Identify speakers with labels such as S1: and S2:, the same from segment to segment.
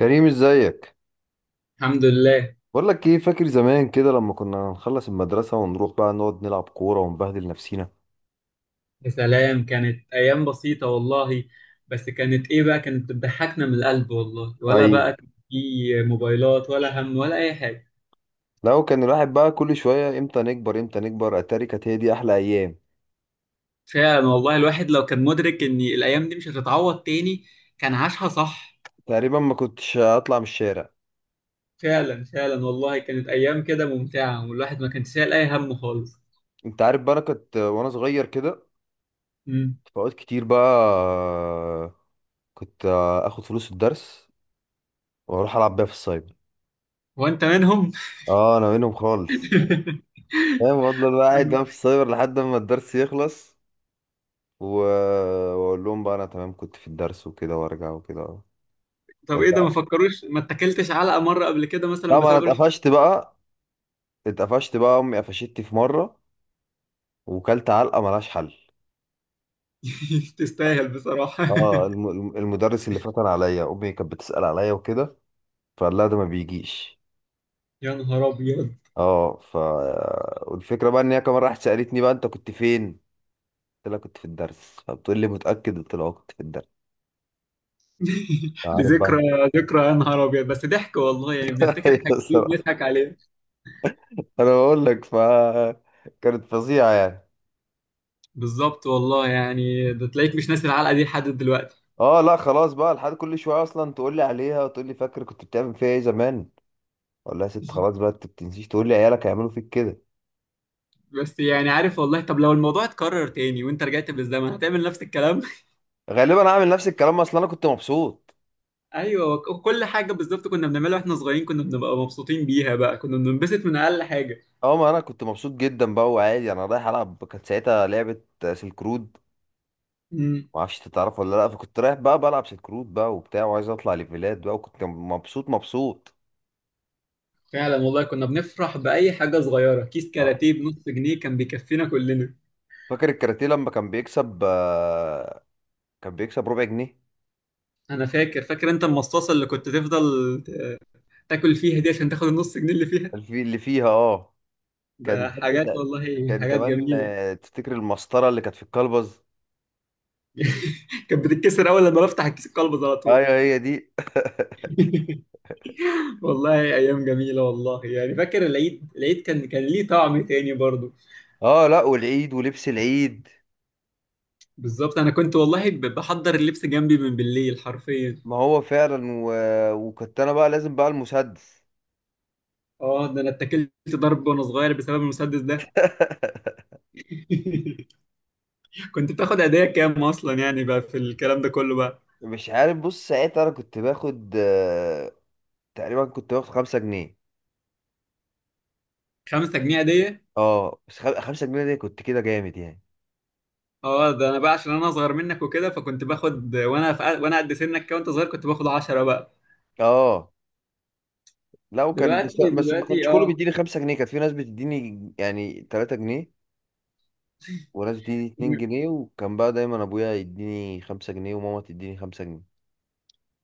S1: كريم، ازيك؟
S2: الحمد لله.
S1: بقول لك ايه، فاكر زمان كده لما كنا نخلص المدرسة ونروح بقى نقعد نلعب كورة ونبهدل نفسينا؟
S2: يا سلام، كانت ايام بسيطه والله. بس كانت ايه بقى، كانت بتضحكنا من القلب والله. ولا
S1: ايوه،
S2: بقى كان في موبايلات ولا هم ولا اي حاجه.
S1: لو كان الواحد بقى كل شوية امتى نكبر، امتى نكبر. اتاري كانت هي دي احلى ايام.
S2: فعلا والله، الواحد لو كان مدرك ان الايام دي مش هتتعوض تاني كان عاشها صح.
S1: تقريبا ما كنتش اطلع من الشارع.
S2: فعلا فعلا والله، كانت ايام كده ممتعه والواحد ما كانش شايل اي هم خالص.
S1: انت عارف بقى، انا كنت وانا صغير كده
S2: امم
S1: في اوقات كتير بقى كنت اخد فلوس الدرس واروح العب بيها في السايبر.
S2: وانت منهم.
S1: اه انا منهم خالص. فاهم؟ افضل بقى قاعد بقى في السايبر لحد ما الدرس يخلص واقول لهم بقى انا تمام، كنت في الدرس وكده وارجع وكده.
S2: طب ايه ده، ما فكروش؟ ما اتكلتش علقه مره قبل كده مثلا
S1: لا، ما انا
S2: بسبب
S1: اتقفشت بقى. اتقفشت بقى، امي قفشتني في مره وكلت علقه ملهاش حل.
S2: تستاهل بصراحه.
S1: اه المدرس اللي فتن عليا، امي كانت بتسال عليا وكده فقال لها ده ما بيجيش.
S2: يا نهار ابيض.
S1: اه والفكره بقى ان هي كمان راحت سالتني بقى انت كنت فين؟ قلت لها كنت في الدرس. فبتقول لي متاكد؟ قلت لها آه، كنت في الدرس.
S2: دي
S1: عارف
S2: ذكرى.
S1: بقى.
S2: ذكرى يا نهار ابيض، بس ضحك والله. يعني بنفتكر
S1: ايوه،
S2: الحاجات دي
S1: الصراحه.
S2: بنضحك عليها.
S1: انا بقول لك كانت فظيعه يعني.
S2: بالظبط والله، يعني ده تلاقيك مش ناسي العلقه دي لحد دلوقتي.
S1: اه لا خلاص بقى، لحد كل شويه اصلا تقول لي عليها وتقول لي فاكر كنت بتعمل فيها ايه زمان. اقول لها يا ست خلاص بقى، انت بتنسيش؟ تقول لي عيالك هيعملوا فيك كده.
S2: بس يعني عارف والله. طب لو الموضوع اتكرر تاني وانت رجعت بالزمن، هتعمل نفس الكلام؟
S1: غالبا هعمل نفس الكلام، اصلا انا كنت مبسوط.
S2: ايوه، كل حاجه بالظبط كنا بنعملها واحنا صغيرين كنا بنبقى مبسوطين بيها. بقى كنا بننبسط من اقل حاجه.
S1: اه ما انا كنت مبسوط جدا بقى، وعادي انا رايح العب. كانت ساعتها لعبه سلك رود.
S2: امم
S1: ما اعرفش انت تعرف ولا لا، فكنت رايح بقى بلعب سلك رود بقى وبتاع وعايز اطلع ليفلات بقى، وكنت مبسوط مبسوط.
S2: فعلا والله كنا بنفرح باي حاجه صغيره. كيس
S1: اه،
S2: كاراتيه بنص جنيه كان بيكفينا كلنا.
S1: فاكر الكاراتيه لما كان بيكسب آه، كان بيكسب ربع جنيه.
S2: انا فاكر فاكر انت المصاصه اللي كنت تفضل ت- تاكل فيها دي عشان تاخد النص جنيه اللي فيها.
S1: اللي فيها اه. كان
S2: ده
S1: حتى
S2: حاجات
S1: س-
S2: والله،
S1: كان
S2: حاجات
S1: كمان
S2: جميله.
S1: آه، تفتكر المسطرة اللي كانت في الكلبز؟
S2: كانت بتتكسر اول لما بفتح الكيس، القلب على طول.
S1: ايوه هي دي.
S2: والله ايام جميله والله. يعني فاكر العيد، العيد كان ليه طعم تاني برضو.
S1: اه لا، والعيد ولبس العيد.
S2: بالظبط، انا كنت والله بحضر اللبس جنبي من بالليل حرفيا.
S1: ما هو فعلا وكنت انا بقى لازم بقى المسدس.
S2: اه ده انا اتكلت ضرب وانا صغير بسبب المسدس ده. كنت بتاخد هديه كام اصلا يعني بقى في الكلام ده كله بقى؟
S1: مش عارف، بص ساعتها انا كنت باخد آه، تقريبا كنت باخد 5 جنيه.
S2: 5 جنيه هديه؟
S1: اه بس 5 جنيه دي كنت كده جامد يعني.
S2: اه ده انا بقى عشان انا اصغر منك وكده، فكنت باخد وانا في وانا قد سنك كده، وانت صغير كنت باخد 10 بقى.
S1: اه لا، وكان بس
S2: دلوقتي
S1: بس ما
S2: دلوقتي
S1: كانش كله
S2: اه،
S1: بيديني 5 جنيه. كانت في ناس بتديني يعني 3 جنيه، وناس بتديني 2 جنيه. وكان بقى دايما ابويا يديني 5 جنيه وماما تديني 5 جنيه.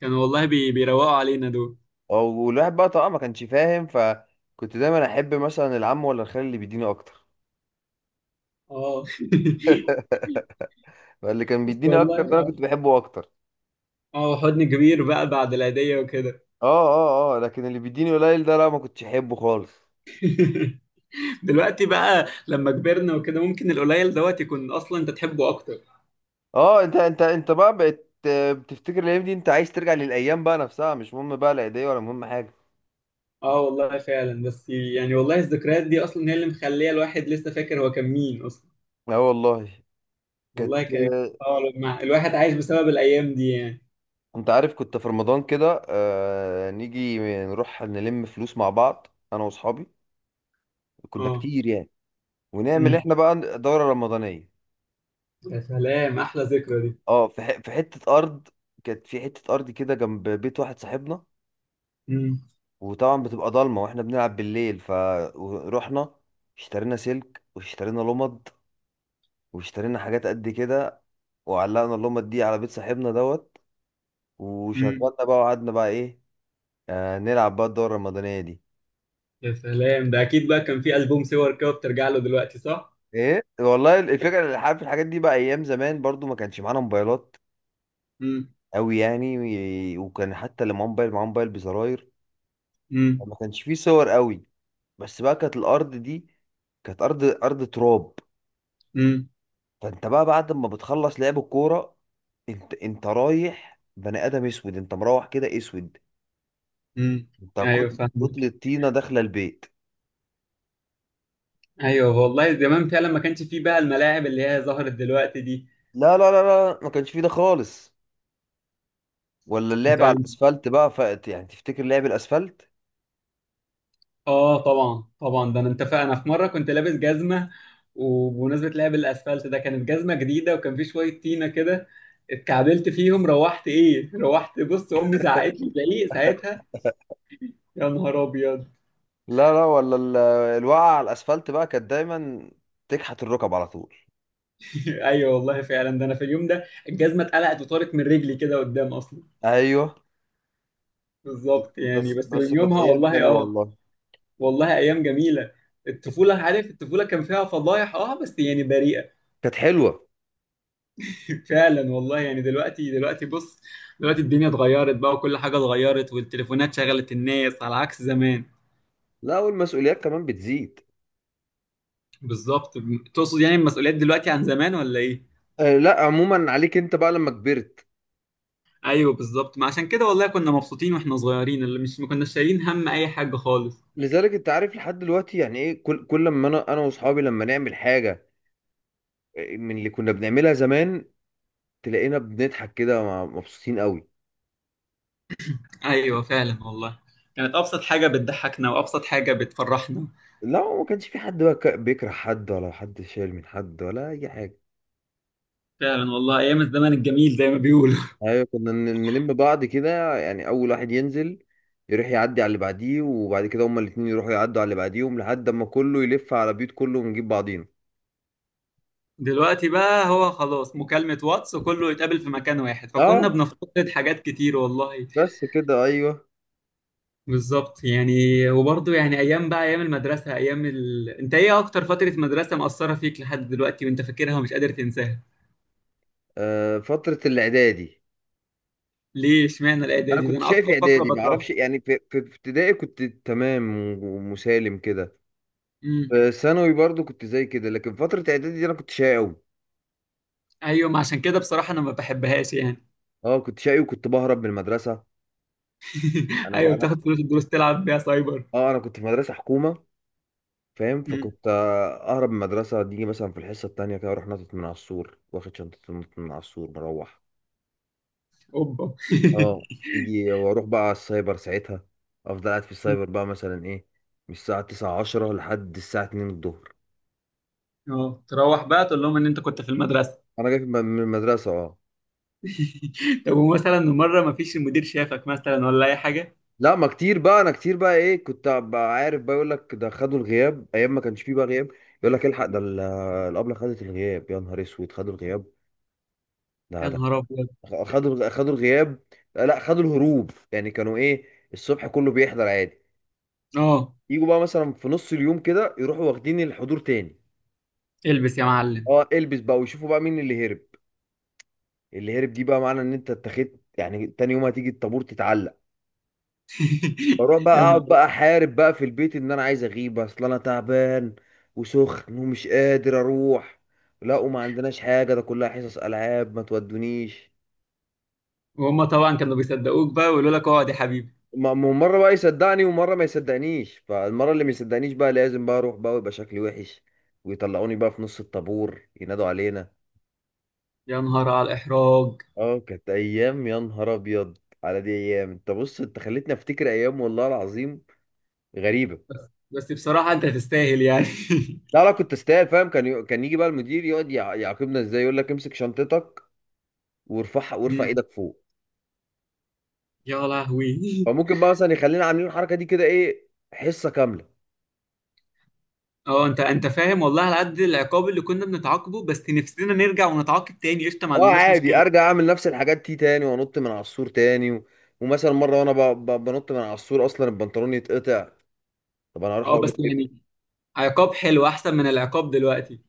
S2: كانوا والله بي بيروقوا علينا دول.
S1: اه والواحد بقى طبعا ما كانش فاهم، فكنت دايما احب مثلا العم ولا الخال اللي بيديني اكتر.
S2: اه،
S1: فاللي كان
S2: بس
S1: بيديني اكتر
S2: والله
S1: ده انا
S2: اه،
S1: كنت بحبه اكتر.
S2: اه حضن كبير بقى بعد العيدية وكده.
S1: اه اه اه، لكن اللي بيديني قليل ده لا، ما كنتش احبه خالص.
S2: دلوقتي بقى لما كبرنا وكده، ممكن القليل دوت يكون اصلا انت تحبه اكتر.
S1: اه انت بقى بقت آه، بتفتكر الايام دي؟ انت عايز ترجع للايام بقى نفسها، مش مهم بقى لا ايديا ولا مهم حاجه.
S2: اه والله فعلا. بس يعني والله الذكريات دي اصلا هي اللي مخليه الواحد لسه فاكر هو كان مين اصلا.
S1: اه والله. كانت.
S2: والله كانت اه، لما الواحد عايش بسبب الايام دي يعني.
S1: انت عارف كنت في رمضان كده آه نيجي نروح نلم فلوس مع بعض، انا واصحابي، كنا
S2: اه.
S1: كتير يعني، ونعمل
S2: مم.
S1: احنا بقى دورة رمضانية.
S2: يا سلام احلى ذكرى دي.
S1: اه في حته ارض. كانت في حته ارض كده جنب بيت واحد صاحبنا،
S2: مم.
S1: وطبعا بتبقى ضلمه واحنا بنلعب بالليل. فروحنا اشترينا سلك واشترينا لمض واشترينا حاجات قد كده، وعلقنا اللمض دي على بيت صاحبنا دوت،
S2: مم.
S1: وشغلنا بقى وقعدنا بقى ايه آه نلعب بقى الدورة الرمضانية دي.
S2: يا سلام، ده اكيد بقى كان في ألبوم صور كده بترجع له دلوقتي، صح؟
S1: ايه والله الفكرة. اللي عارف، الحاجات دي بقى ايام زمان برضو ما كانش معانا موبايلات
S2: مم.
S1: قوي يعني. وكان حتى اللي معاه موبايل معاه موبايل بزراير،
S2: مم.
S1: ما كانش فيه صور قوي. بس بقى كانت الارض دي كانت ارض، ارض تراب.
S2: مم.
S1: فانت بقى بعد ما بتخلص لعب الكوره انت رايح بني ادم اسود، انت مروح كده اسود.
S2: مم.
S1: انت
S2: ايوه فاهمك.
S1: كتلة طينه داخله البيت.
S2: ايوه والله زمان فعلا ما كانش فيه بقى الملاعب اللي هي ظهرت دلوقتي دي.
S1: لا لا لا لا، ما كانش فيه ده خالص، ولا اللعب
S2: انت
S1: على الاسفلت بقى. فقت يعني تفتكر لعب الاسفلت؟
S2: اه طبعا طبعا، ده انا انت انا في مره كنت لابس جزمه. وبمناسبه لعب الاسفلت ده، كانت جزمه جديده وكان في شويه طينه كده. اتكعبلت فيهم، روحت ايه، روحت بص امي زعقت لي زعيق ساعتها. يا نهار ابيض.
S1: لا لا، الوقعه على الاسفلت بقى كانت دايما تكحت الركب على طول.
S2: ايوه والله فعلا، ده انا في اليوم ده الجزمه اتقلعت وطارت من رجلي كده قدام اصلا.
S1: ايوه
S2: بالظبط يعني،
S1: بس
S2: بس
S1: بس
S2: من
S1: كانت
S2: يومها
S1: ايام
S2: والله
S1: حلوه
S2: اه.
S1: والله.
S2: والله ايام جميله. الطفوله، عارف، الطفوله كان فيها فضايح اه بس يعني بريئه.
S1: كانت حلوه.
S2: فعلا والله يعني. دلوقتي دلوقتي بص، دلوقتي الدنيا اتغيرت بقى، وكل حاجه اتغيرت والتليفونات شغلت الناس على عكس زمان.
S1: لا، والمسؤوليات كمان بتزيد.
S2: بالظبط. تقصد يعني المسؤوليات دلوقتي عن زمان ولا ايه؟
S1: آه لا، عموما عليك انت بقى لما كبرت.
S2: ايوه بالظبط، ما عشان كده والله كنا مبسوطين واحنا صغيرين، اللي مش ما كناش شايلين هم اي حاجه خالص.
S1: لذلك انت عارف لحد دلوقتي يعني ايه، كل ما انا واصحابي لما نعمل حاجه آه، من اللي كنا بنعملها زمان، تلاقينا بنضحك كده مبسوطين قوي.
S2: ايوه فعلا والله، كانت ابسط حاجه بتضحكنا وابسط حاجه بتفرحنا.
S1: لا، ما كانش في حد بقى بيكره حد ولا حد شايل من حد ولا اي حاجه.
S2: فعلا والله ايام الزمن الجميل زي ما بيقولوا.
S1: ايوه كنا نلم بعض كده يعني، اول واحد ينزل يروح يعدي على اللي بعديه، وبعد كده هما الاتنين يروحوا يعدوا على اللي بعديهم، لحد اما كله يلف على بيوت كله ونجيب بعضينا.
S2: دلوقتي بقى هو خلاص، مكالمه واتس وكله يتقابل في مكان واحد،
S1: اه
S2: فكنا بنفتقد حاجات كتير والله.
S1: بس كده ايوه.
S2: بالظبط يعني. وبرضه يعني ايام بقى، ايام المدرسه، ايام انت ايه اكتر فتره مدرسه مأثره فيك لحد دلوقتي وانت فاكرها ومش قادر تنساها؟
S1: آه، فترة الإعدادي.
S2: ليه اشمعنى
S1: أنا
S2: الاعدادي؟ ده
S1: كنت
S2: انا
S1: شايف
S2: اكتر فقره
S1: إعدادي،
S2: بكرهها.
S1: معرفش يعني، في ابتدائي كنت تمام ومسالم كده.
S2: امم
S1: في ثانوي برضو كنت زي كده، لكن فترة إعدادي دي أنا كنت شقي أوي.
S2: ايوه ما عشان كده بصراحه انا ما بحبهاش يعني.
S1: أه كنت شقي، وكنت بهرب من المدرسة. أنا
S2: ايوه
S1: أنا
S2: بتاخد فلوس الدروس تلعب بيها سايبر.
S1: أه أنا كنت في مدرسة حكومة. فاهم؟ فكنت آه، أهرب من المدرسة دي، مثلا في الحصة التانية كده أروح نطت من على السور، واخد شنطة نط من على السور مروح.
S2: اوبا.
S1: أه يجي وأروح بقى على السايبر ساعتها، أفضل قاعد في السايبر بقى مثلا إيه، من الساعة تسعة عشرة لحد الساعة 2 الظهر.
S2: اه تروح بقى تقول لهم ان انت كنت في المدرسه.
S1: انا جاي من المدرسه اه.
S2: طب ومثلا مره ما فيش المدير شافك مثلا ولا اي حاجه؟
S1: لا، ما كتير بقى، انا كتير بقى ايه كنت بقى عارف بقى. يقول لك ده خدوا الغياب، ايام ما كانش فيه بقى غياب. يقول لك الحق ده الابله خدت الغياب، يا نهار اسود، خدوا الغياب. ده
S2: يا
S1: ده
S2: نهار ابيض.
S1: خدوا الغياب. لا خدوا الهروب يعني. كانوا ايه، الصبح كله بيحضر عادي،
S2: اه
S1: يجوا بقى مثلا في نص اليوم كده يروحوا واخدين الحضور تاني.
S2: البس يا معلم.
S1: اه البس بقى ويشوفوا بقى مين اللي هرب، اللي هرب دي بقى معنى ان انت اتخذت يعني، تاني يوم هتيجي الطابور تتعلق. بروح بقى
S2: يا
S1: اقعد
S2: نهار.
S1: بقى احارب بقى في البيت ان انا عايز اغيب، اصل انا تعبان وسخن ومش قادر اروح، لا وما عندناش حاجه ده كلها حصص العاب ما تودونيش.
S2: وهم طبعا كانوا بيصدقوك بقى ويقولوا لك اقعد يا حبيبي.
S1: ما هو مره بقى يصدقني ومره ما يصدقنيش، فالمره اللي ما يصدقنيش بقى لازم بقى اروح بقى ويبقى شكلي وحش، ويطلعوني بقى في نص الطابور ينادوا علينا.
S2: يا نهار على الاحراج.
S1: اه كانت ايام يا نهار ابيض. على دي ايام. انت بص، انت خليتني افتكر ايام والله العظيم، غريبه.
S2: بس بصراحه انت تستاهل يعني.
S1: لا لا كنت استاهل. فاهم؟ كان كان يجي بقى المدير يقعد يعاقبنا ازاي، يقول لك امسك شنطتك وارفعها وارفع
S2: مم.
S1: ايدك فوق.
S2: يا لهوي.
S1: فممكن بقى مثلا يخلينا عاملين الحركه دي كده ايه حصه كامله.
S2: اه انت فاهم والله، على قد العقاب اللي كنا بنتعاقبه بس نفسنا نرجع ونتعاقب تاني، قشطه ما
S1: اه
S2: عندناش
S1: عادي
S2: مشكله.
S1: ارجع اعمل نفس الحاجات دي تاني وانط من على السور تاني ومثلا مره وانا بنط من على السور اصلا البنطلون يتقطع. طب انا هروح
S2: اه
S1: اقول
S2: بس
S1: لهم ايه
S2: يعني عقاب حلو احسن من العقاب دلوقتي.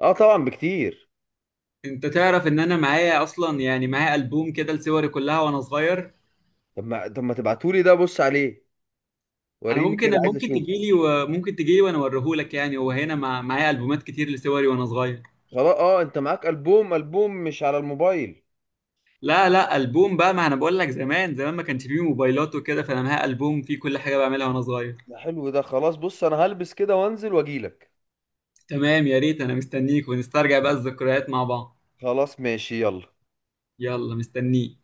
S1: اه طبعا بكتير.
S2: انت تعرف ان انا معايا اصلا يعني، معايا البوم كده لصوري كلها وانا صغير.
S1: طب ما، طب ما تبعتولي ده بص عليه
S2: انا
S1: وريني
S2: ممكن
S1: كده عايز
S2: ممكن
S1: اشوف.
S2: تجيلي وممكن تجيلي وانا اوريهولك، يعني هو هنا معايا البومات كتير لصوري وانا صغير.
S1: خلاص اه، انت معاك البوم، البوم مش على الموبايل.
S2: لا لا، البوم بقى، ما انا بقول لك زمان زمان ما كانش فيه موبايلات وكده، فانا معايا البوم فيه كل حاجه بعملها وانا صغير.
S1: ده حلو. ده خلاص بص انا هلبس كده وانزل واجيلك.
S2: تمام يا ريت، انا مستنيك ونسترجع بقى الذكريات مع بعض.
S1: خلاص ماشي، يلا.
S2: يلا مستنيك.